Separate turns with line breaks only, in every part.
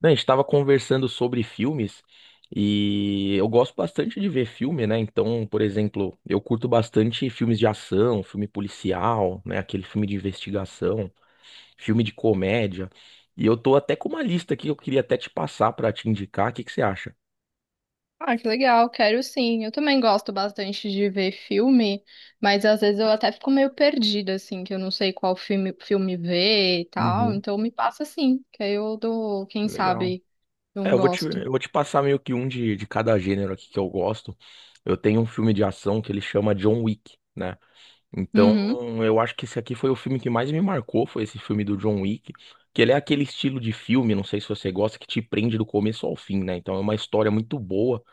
Não, a gente estava conversando sobre filmes e eu gosto bastante de ver filme, né? Então, por exemplo, eu curto bastante filmes de ação, filme policial, né? Aquele filme de investigação, filme de comédia. E eu tô até com uma lista aqui que eu queria até te passar para te indicar. O que que você acha?
Ah, que legal, quero sim. Eu também gosto bastante de ver filme, mas às vezes eu até fico meio perdida, assim, que eu não sei qual filme ver e tal.
Uhum,
Então me passa assim, que aí eu dou, quem
legal.
sabe, eu
É,
não
eu vou te,
gosto.
eu vou te passar meio que um de cada gênero aqui que eu gosto. Eu tenho um filme de ação que ele chama John Wick, né? Então,
Uhum.
eu acho que esse aqui foi o filme que mais me marcou, foi esse filme do John Wick, que ele é aquele estilo de filme, não sei se você gosta, que te prende do começo ao fim, né? Então é uma história muito boa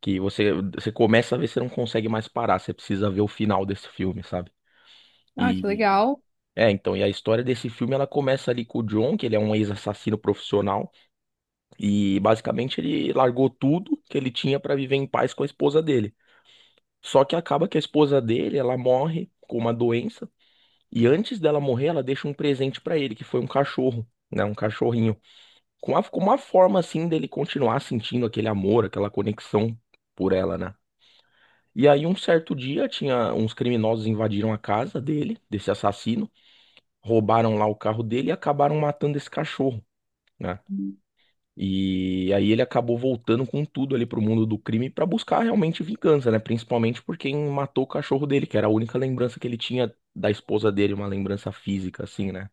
que você começa a ver, você não consegue mais parar, você precisa ver o final desse filme, sabe?
Ah, que
E
legal.
é, então, e a história desse filme ela começa ali com o John, que ele é um ex-assassino profissional e basicamente ele largou tudo que ele tinha pra viver em paz com a esposa dele. Só que acaba que a esposa dele, ela morre com uma doença. E antes dela morrer, ela deixa um presente pra ele, que foi um cachorro, né? Um cachorrinho. Com uma forma, assim, dele continuar sentindo aquele amor, aquela conexão por ela, né? E aí, um certo dia, tinha uns criminosos invadiram a casa dele, desse assassino, roubaram lá o carro dele e acabaram matando esse cachorro, né? E aí ele acabou voltando com tudo ali pro mundo do crime pra buscar realmente vingança, né? Principalmente por quem matou o cachorro dele, que era a única lembrança que ele tinha da esposa dele, uma lembrança física, assim, né?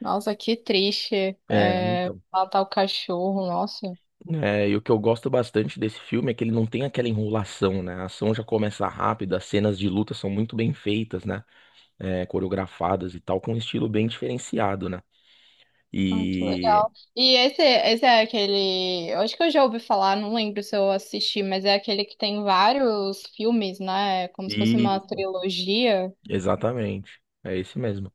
Nossa, que triste.
É,
É,
então.
matar o cachorro, nossa.
É, e o que eu gosto bastante desse filme é que ele não tem aquela enrolação, né? A ação já começa rápida, as cenas de luta são muito bem feitas, né? É, coreografadas e tal, com um estilo bem diferenciado, né?
Ah, que
E.
legal. E esse é aquele. Eu acho que eu já ouvi falar, não lembro se eu assisti, mas é aquele que tem vários filmes, né? É como se fosse uma
Isso,
trilogia.
exatamente. É esse mesmo.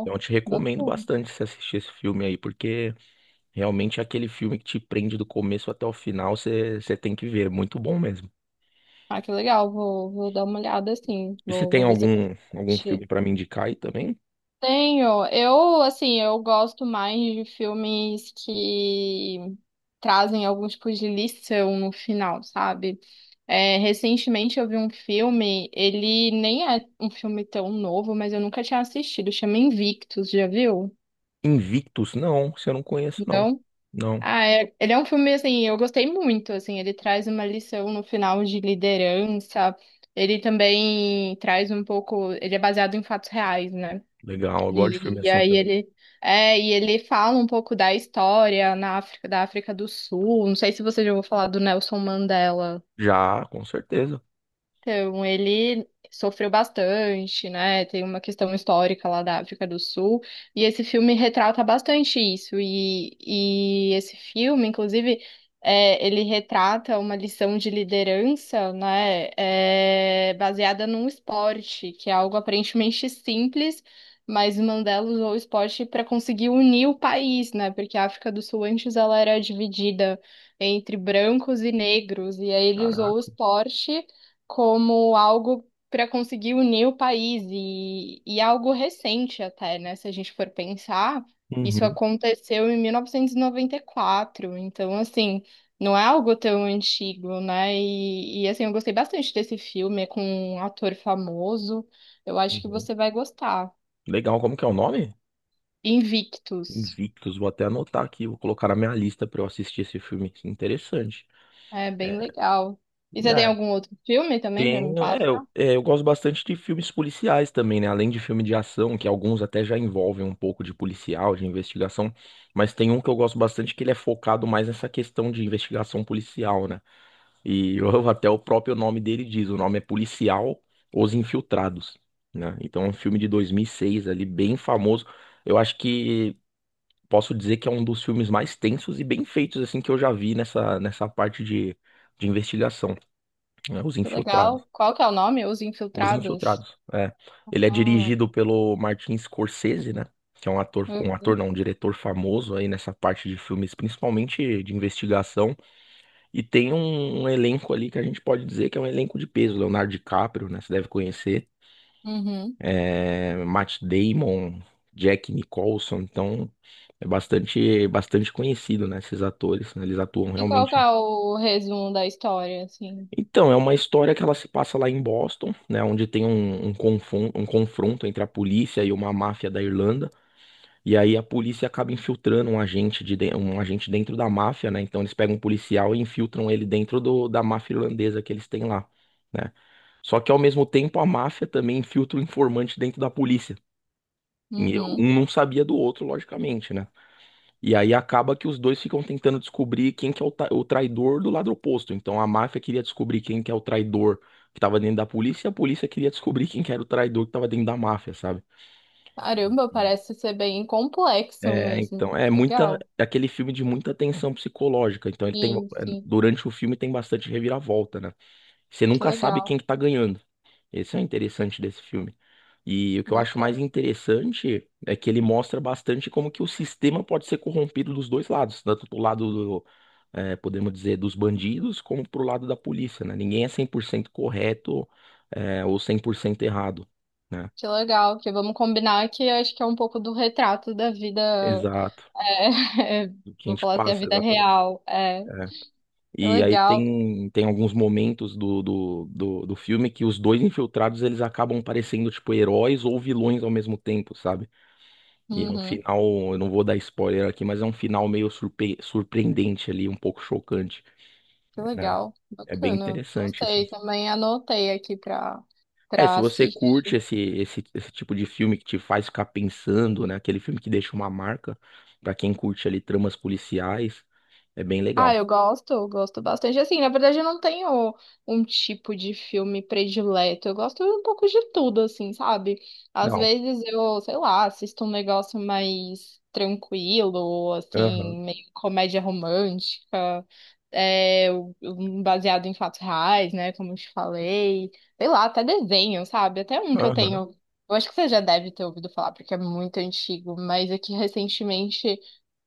Então eu te recomendo
bacana.
bastante você assistir esse filme aí, porque realmente é aquele filme que te prende do começo até o final, você tem que ver. É muito bom mesmo.
Ah, que legal, vou dar uma olhada assim,
E você
vou,
tem
vou ver se eu consigo
algum filme
assistir.
pra me indicar aí também?
Tenho, eu, assim, eu gosto mais de filmes que trazem algum tipo de lição no final, sabe? É, recentemente eu vi um filme, ele nem é um filme tão novo, mas eu nunca tinha assistido, chama Invictus, já viu?
Invictus? Não, você não conhece, não.
Não?
Não.
Ele é um filme, assim, eu gostei muito, assim, ele traz uma lição no final de liderança, ele também traz um pouco, ele é baseado em fatos reais, né?
Legal, eu gosto de filme
E, e
assim
aí
também.
ele, e ele fala um pouco da história na África, da África do Sul, não sei se você já ouviu falar do Nelson Mandela.
Já, com certeza.
Então, ele sofreu bastante, né? Tem uma questão histórica lá da África do Sul, e esse filme retrata bastante isso. E esse filme, inclusive, é, ele retrata uma lição de liderança, né? É, baseada num esporte, que é algo aparentemente simples, mas o Mandela usou o esporte para conseguir unir o país, né? Porque a África do Sul antes ela era dividida entre brancos e negros, e aí ele usou o
Caraca.
esporte como algo para conseguir unir o país e algo recente até, né? Se a gente for pensar, isso
Uhum,
aconteceu em mil novecentos e noventa e quatro. Então assim, não é algo tão antigo, né? E assim, eu gostei bastante desse filme, é com um ator famoso. Eu acho que
uhum.
você vai gostar.
Legal, como que é o nome?
Invictus.
Invictus, vou até anotar aqui, vou colocar na minha lista pra eu assistir esse filme. Que interessante.
É bem legal. E você tem
É,
algum outro filme também para me
tenho,
passar?
é, eu gosto bastante de filmes policiais também, né? Além de filme de ação, que alguns até já envolvem um pouco de policial, de investigação, mas tem um que eu gosto bastante que ele é focado mais nessa questão de investigação policial, né? Até o próprio nome dele diz, o nome é Policial Os Infiltrados, né? Então é um filme de 2006 ali, bem famoso. Eu acho que posso dizer que é um dos filmes mais tensos e bem feitos assim que eu já vi nessa parte de investigação, né? Os
Que
Infiltrados.
legal. Qual que é o nome? Os
Os
Infiltrados.
Infiltrados, é. Ele é
Ah,
dirigido pelo Martin Scorsese, né? Que é um
eu-
ator não, um diretor famoso aí nessa parte de filmes, principalmente de investigação. E tem um elenco ali que a gente pode dizer que é um elenco de peso. Leonardo DiCaprio, né? Você deve conhecer.
uhum.
É, Matt Damon, Jack Nicholson. Então, é bastante, bastante conhecido, né? Esses atores, né, eles atuam
E qual que
realmente.
é o resumo da história, assim?
Então, é uma história que ela se passa lá em Boston, né? Onde tem um, um confronto entre a polícia e uma máfia da Irlanda. E aí a polícia acaba infiltrando um agente dentro da máfia, né? Então eles pegam um policial e infiltram ele dentro da máfia irlandesa que eles têm lá, né? Só que ao mesmo tempo a máfia também infiltra o informante dentro da polícia. E
Uhum.
um não sabia do outro, logicamente, né? E aí acaba que os dois ficam tentando descobrir quem que é o traidor do lado oposto. Então a máfia queria descobrir quem que é o traidor que estava dentro da polícia, e a polícia queria descobrir quem que era o traidor que estava dentro da máfia, sabe?
Caramba, parece ser bem complexo
É,
mesmo.
então, é muita,
Legal.
é aquele filme de muita tensão psicológica. Então ele tem,
Sim,
é,
sim.
durante o filme tem bastante reviravolta, né? Você
Que
nunca sabe
legal.
quem que tá ganhando. Esse é o interessante desse filme. E o que eu acho mais
Bacana.
interessante é que ele mostra bastante como que o sistema pode ser corrompido dos dois lados, tanto do lado é, podemos dizer, dos bandidos, como pro lado da polícia, né? Ninguém é 100% correto, é, ou 100% errado, né?
Que legal. Que vamos combinar que eu acho que é um pouco do retrato da vida.
Exato.
É,
O que a
vou
gente
falar assim, a
passa,
vida
exatamente.
real. É.
É.
Que
E aí
legal.
tem, tem alguns momentos do filme que os dois infiltrados eles acabam parecendo tipo heróis ou vilões ao mesmo tempo, sabe? E é um
Uhum.
final, eu não vou dar spoiler aqui, mas é um final meio surpreendente ali, um pouco chocante,
Que
né?
legal.
É bem
Bacana.
interessante isso.
Gostei. Também anotei aqui pra,
É, se
pra
você curte
assistir.
esse tipo de filme que te faz ficar pensando, né? Aquele filme que deixa uma marca, pra quem curte ali tramas policiais, é bem
Ah,
legal.
eu gosto bastante. Assim, na verdade, eu não tenho um tipo de filme predileto. Eu gosto um pouco de tudo, assim, sabe? Às
Legal.
vezes eu, sei lá, assisto um negócio mais tranquilo,
Aham,
assim, meio comédia romântica, é, um baseado em fatos reais, né? Como eu te falei. Sei lá, até desenho, sabe? Até um que eu
aham.
tenho. Eu acho que você já deve ter ouvido falar, porque é muito antigo, mas aqui recentemente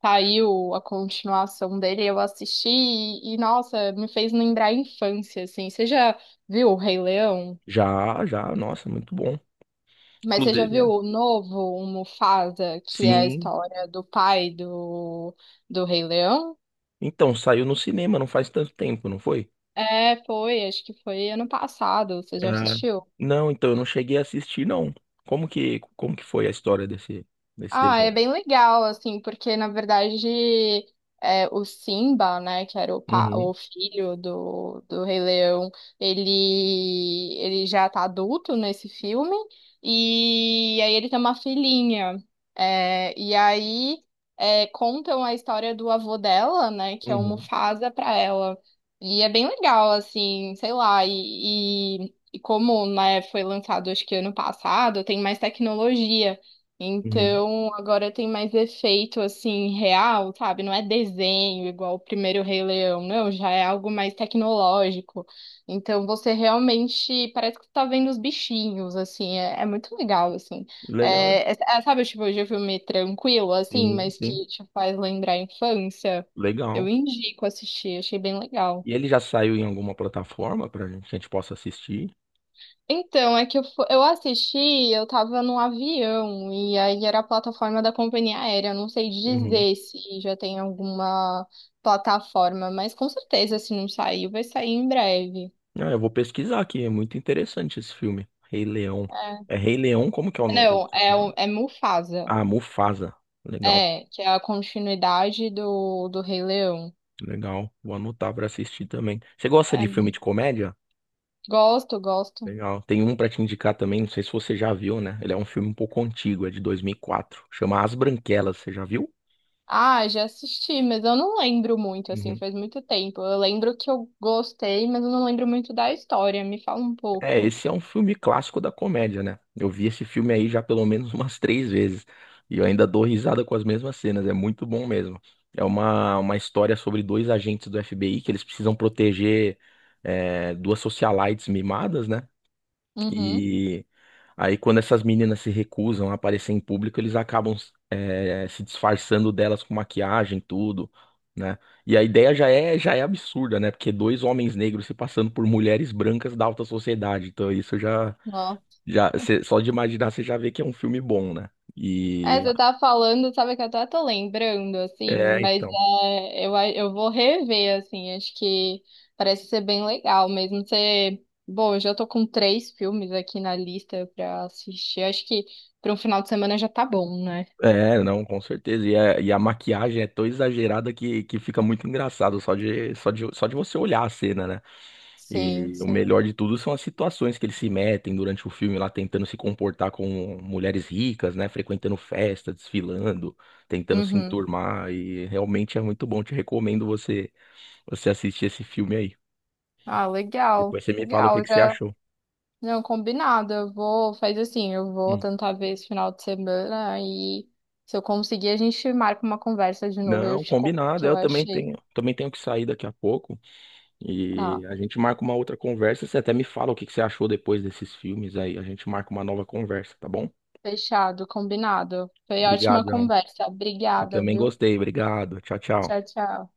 saiu a continuação dele, eu assisti e, nossa, me fez lembrar a infância, assim. Você já viu o Rei Leão?
Já, já, nossa, muito bom.
Mas você já viu
Inclusive,
o novo, o Mufasa, que é a
sim.
história do pai do Rei Leão?
Então, saiu no cinema não faz tanto tempo, não foi?
É, foi, acho que foi ano passado. Você
É.
já assistiu?
Não, então eu não cheguei a assistir, não. Como que foi a história desse, desse
Ah, é
desenho?
bem legal, assim, porque na verdade é, o Simba, né, que era o,
Uhum,
o filho do Rei Leão, ele já tá adulto nesse filme, e aí ele tem uma filhinha. É, e aí é, contam a história do avô dela, né, que é o
uhum,
Mufasa pra ela. E é bem legal, assim, sei lá, e como, né, foi lançado acho que ano passado, tem mais tecnologia.
uhum.
Então, agora tem mais efeito assim real, sabe? Não é desenho igual o primeiro Rei Leão, não, já é algo mais tecnológico. Então, você realmente parece que você tá vendo os bichinhos, assim, é, é muito legal, assim.
Legal.
Sabe tipo de filme tranquilo, assim,
Sim,
mas
sim.
que te faz lembrar a infância? Eu
Legal.
indico assistir, achei bem legal.
E ele já saiu em alguma plataforma pra gente, que a gente possa assistir?
Então, é que eu assisti, eu tava num avião, e aí era a plataforma da companhia aérea. Eu não sei
Uhum.
dizer se já tem alguma plataforma, mas com certeza, se não saiu, vai sair em breve.
Ah, eu vou pesquisar aqui, é muito interessante esse filme. Rei Leão.
É.
É Rei Leão, como que é o no- o
Não, é,
nome?
é Mufasa,
Ah, Mufasa. Legal,
é, que é a continuidade do Rei Leão.
legal. Vou anotar pra assistir também. Você gosta
É,
de filme de comédia?
gosto, gosto.
Legal. Tem um pra te indicar também, não sei se você já viu, né? Ele é um filme um pouco antigo, é de 2004. Chama As Branquelas, você já viu?
Ah, já assisti, mas eu não lembro muito, assim,
Uhum.
faz muito tempo. Eu lembro que eu gostei, mas eu não lembro muito da história. Me fala um
É,
pouco.
esse é um filme clássico da comédia, né? Eu vi esse filme aí já pelo menos umas três vezes. E eu ainda dou risada com as mesmas cenas, é muito bom mesmo. É uma história sobre dois agentes do FBI que eles precisam proteger é, duas socialites mimadas, né?
Uhum.
E aí, quando essas meninas se recusam a aparecer em público, eles acabam se disfarçando delas com maquiagem, tudo, né? E a ideia já é absurda, né? Porque dois homens negros se passando por mulheres brancas da alta sociedade. Então, isso já,
Ó.
só de imaginar, você já vê que é um filme bom, né?
É,
E
você tá falando, sabe que eu até tô lembrando, assim,
é,
mas
então.
é, eu vou rever, assim, acho que parece ser bem legal mesmo. Você, bom, eu já tô com três filmes aqui na lista pra assistir, acho que pra um final de semana já tá bom, né?
É, não, com certeza. E, e a maquiagem é tão exagerada que fica muito engraçado só de você olhar a cena, né?
Sim,
E o
sim.
melhor de tudo são as situações que eles se metem durante o filme lá, tentando se comportar com mulheres ricas, né? Frequentando festa, desfilando, tentando se
Uhum.
enturmar. E realmente é muito bom. Te recomendo você assistir esse filme aí.
Ah, legal,
Depois você me fala o que
legal,
que você
já,
achou.
não, combinado, eu vou, faz assim, eu vou
Hum.
tentar ver esse final de semana e se eu conseguir a gente marca uma conversa de novo, eu
Não,
te conto o
combinado.
que eu
Eu
achei.
também tenho que sair daqui a pouco.
Tá.
E a gente marca uma outra conversa. Você até me fala o que que você achou depois desses filmes aí. A gente marca uma nova conversa, tá bom?
Fechado, combinado. Foi ótima
Obrigadão.
conversa.
Eu
Obrigada,
também
viu?
gostei. Obrigado. Tchau, tchau.
Tchau, tchau.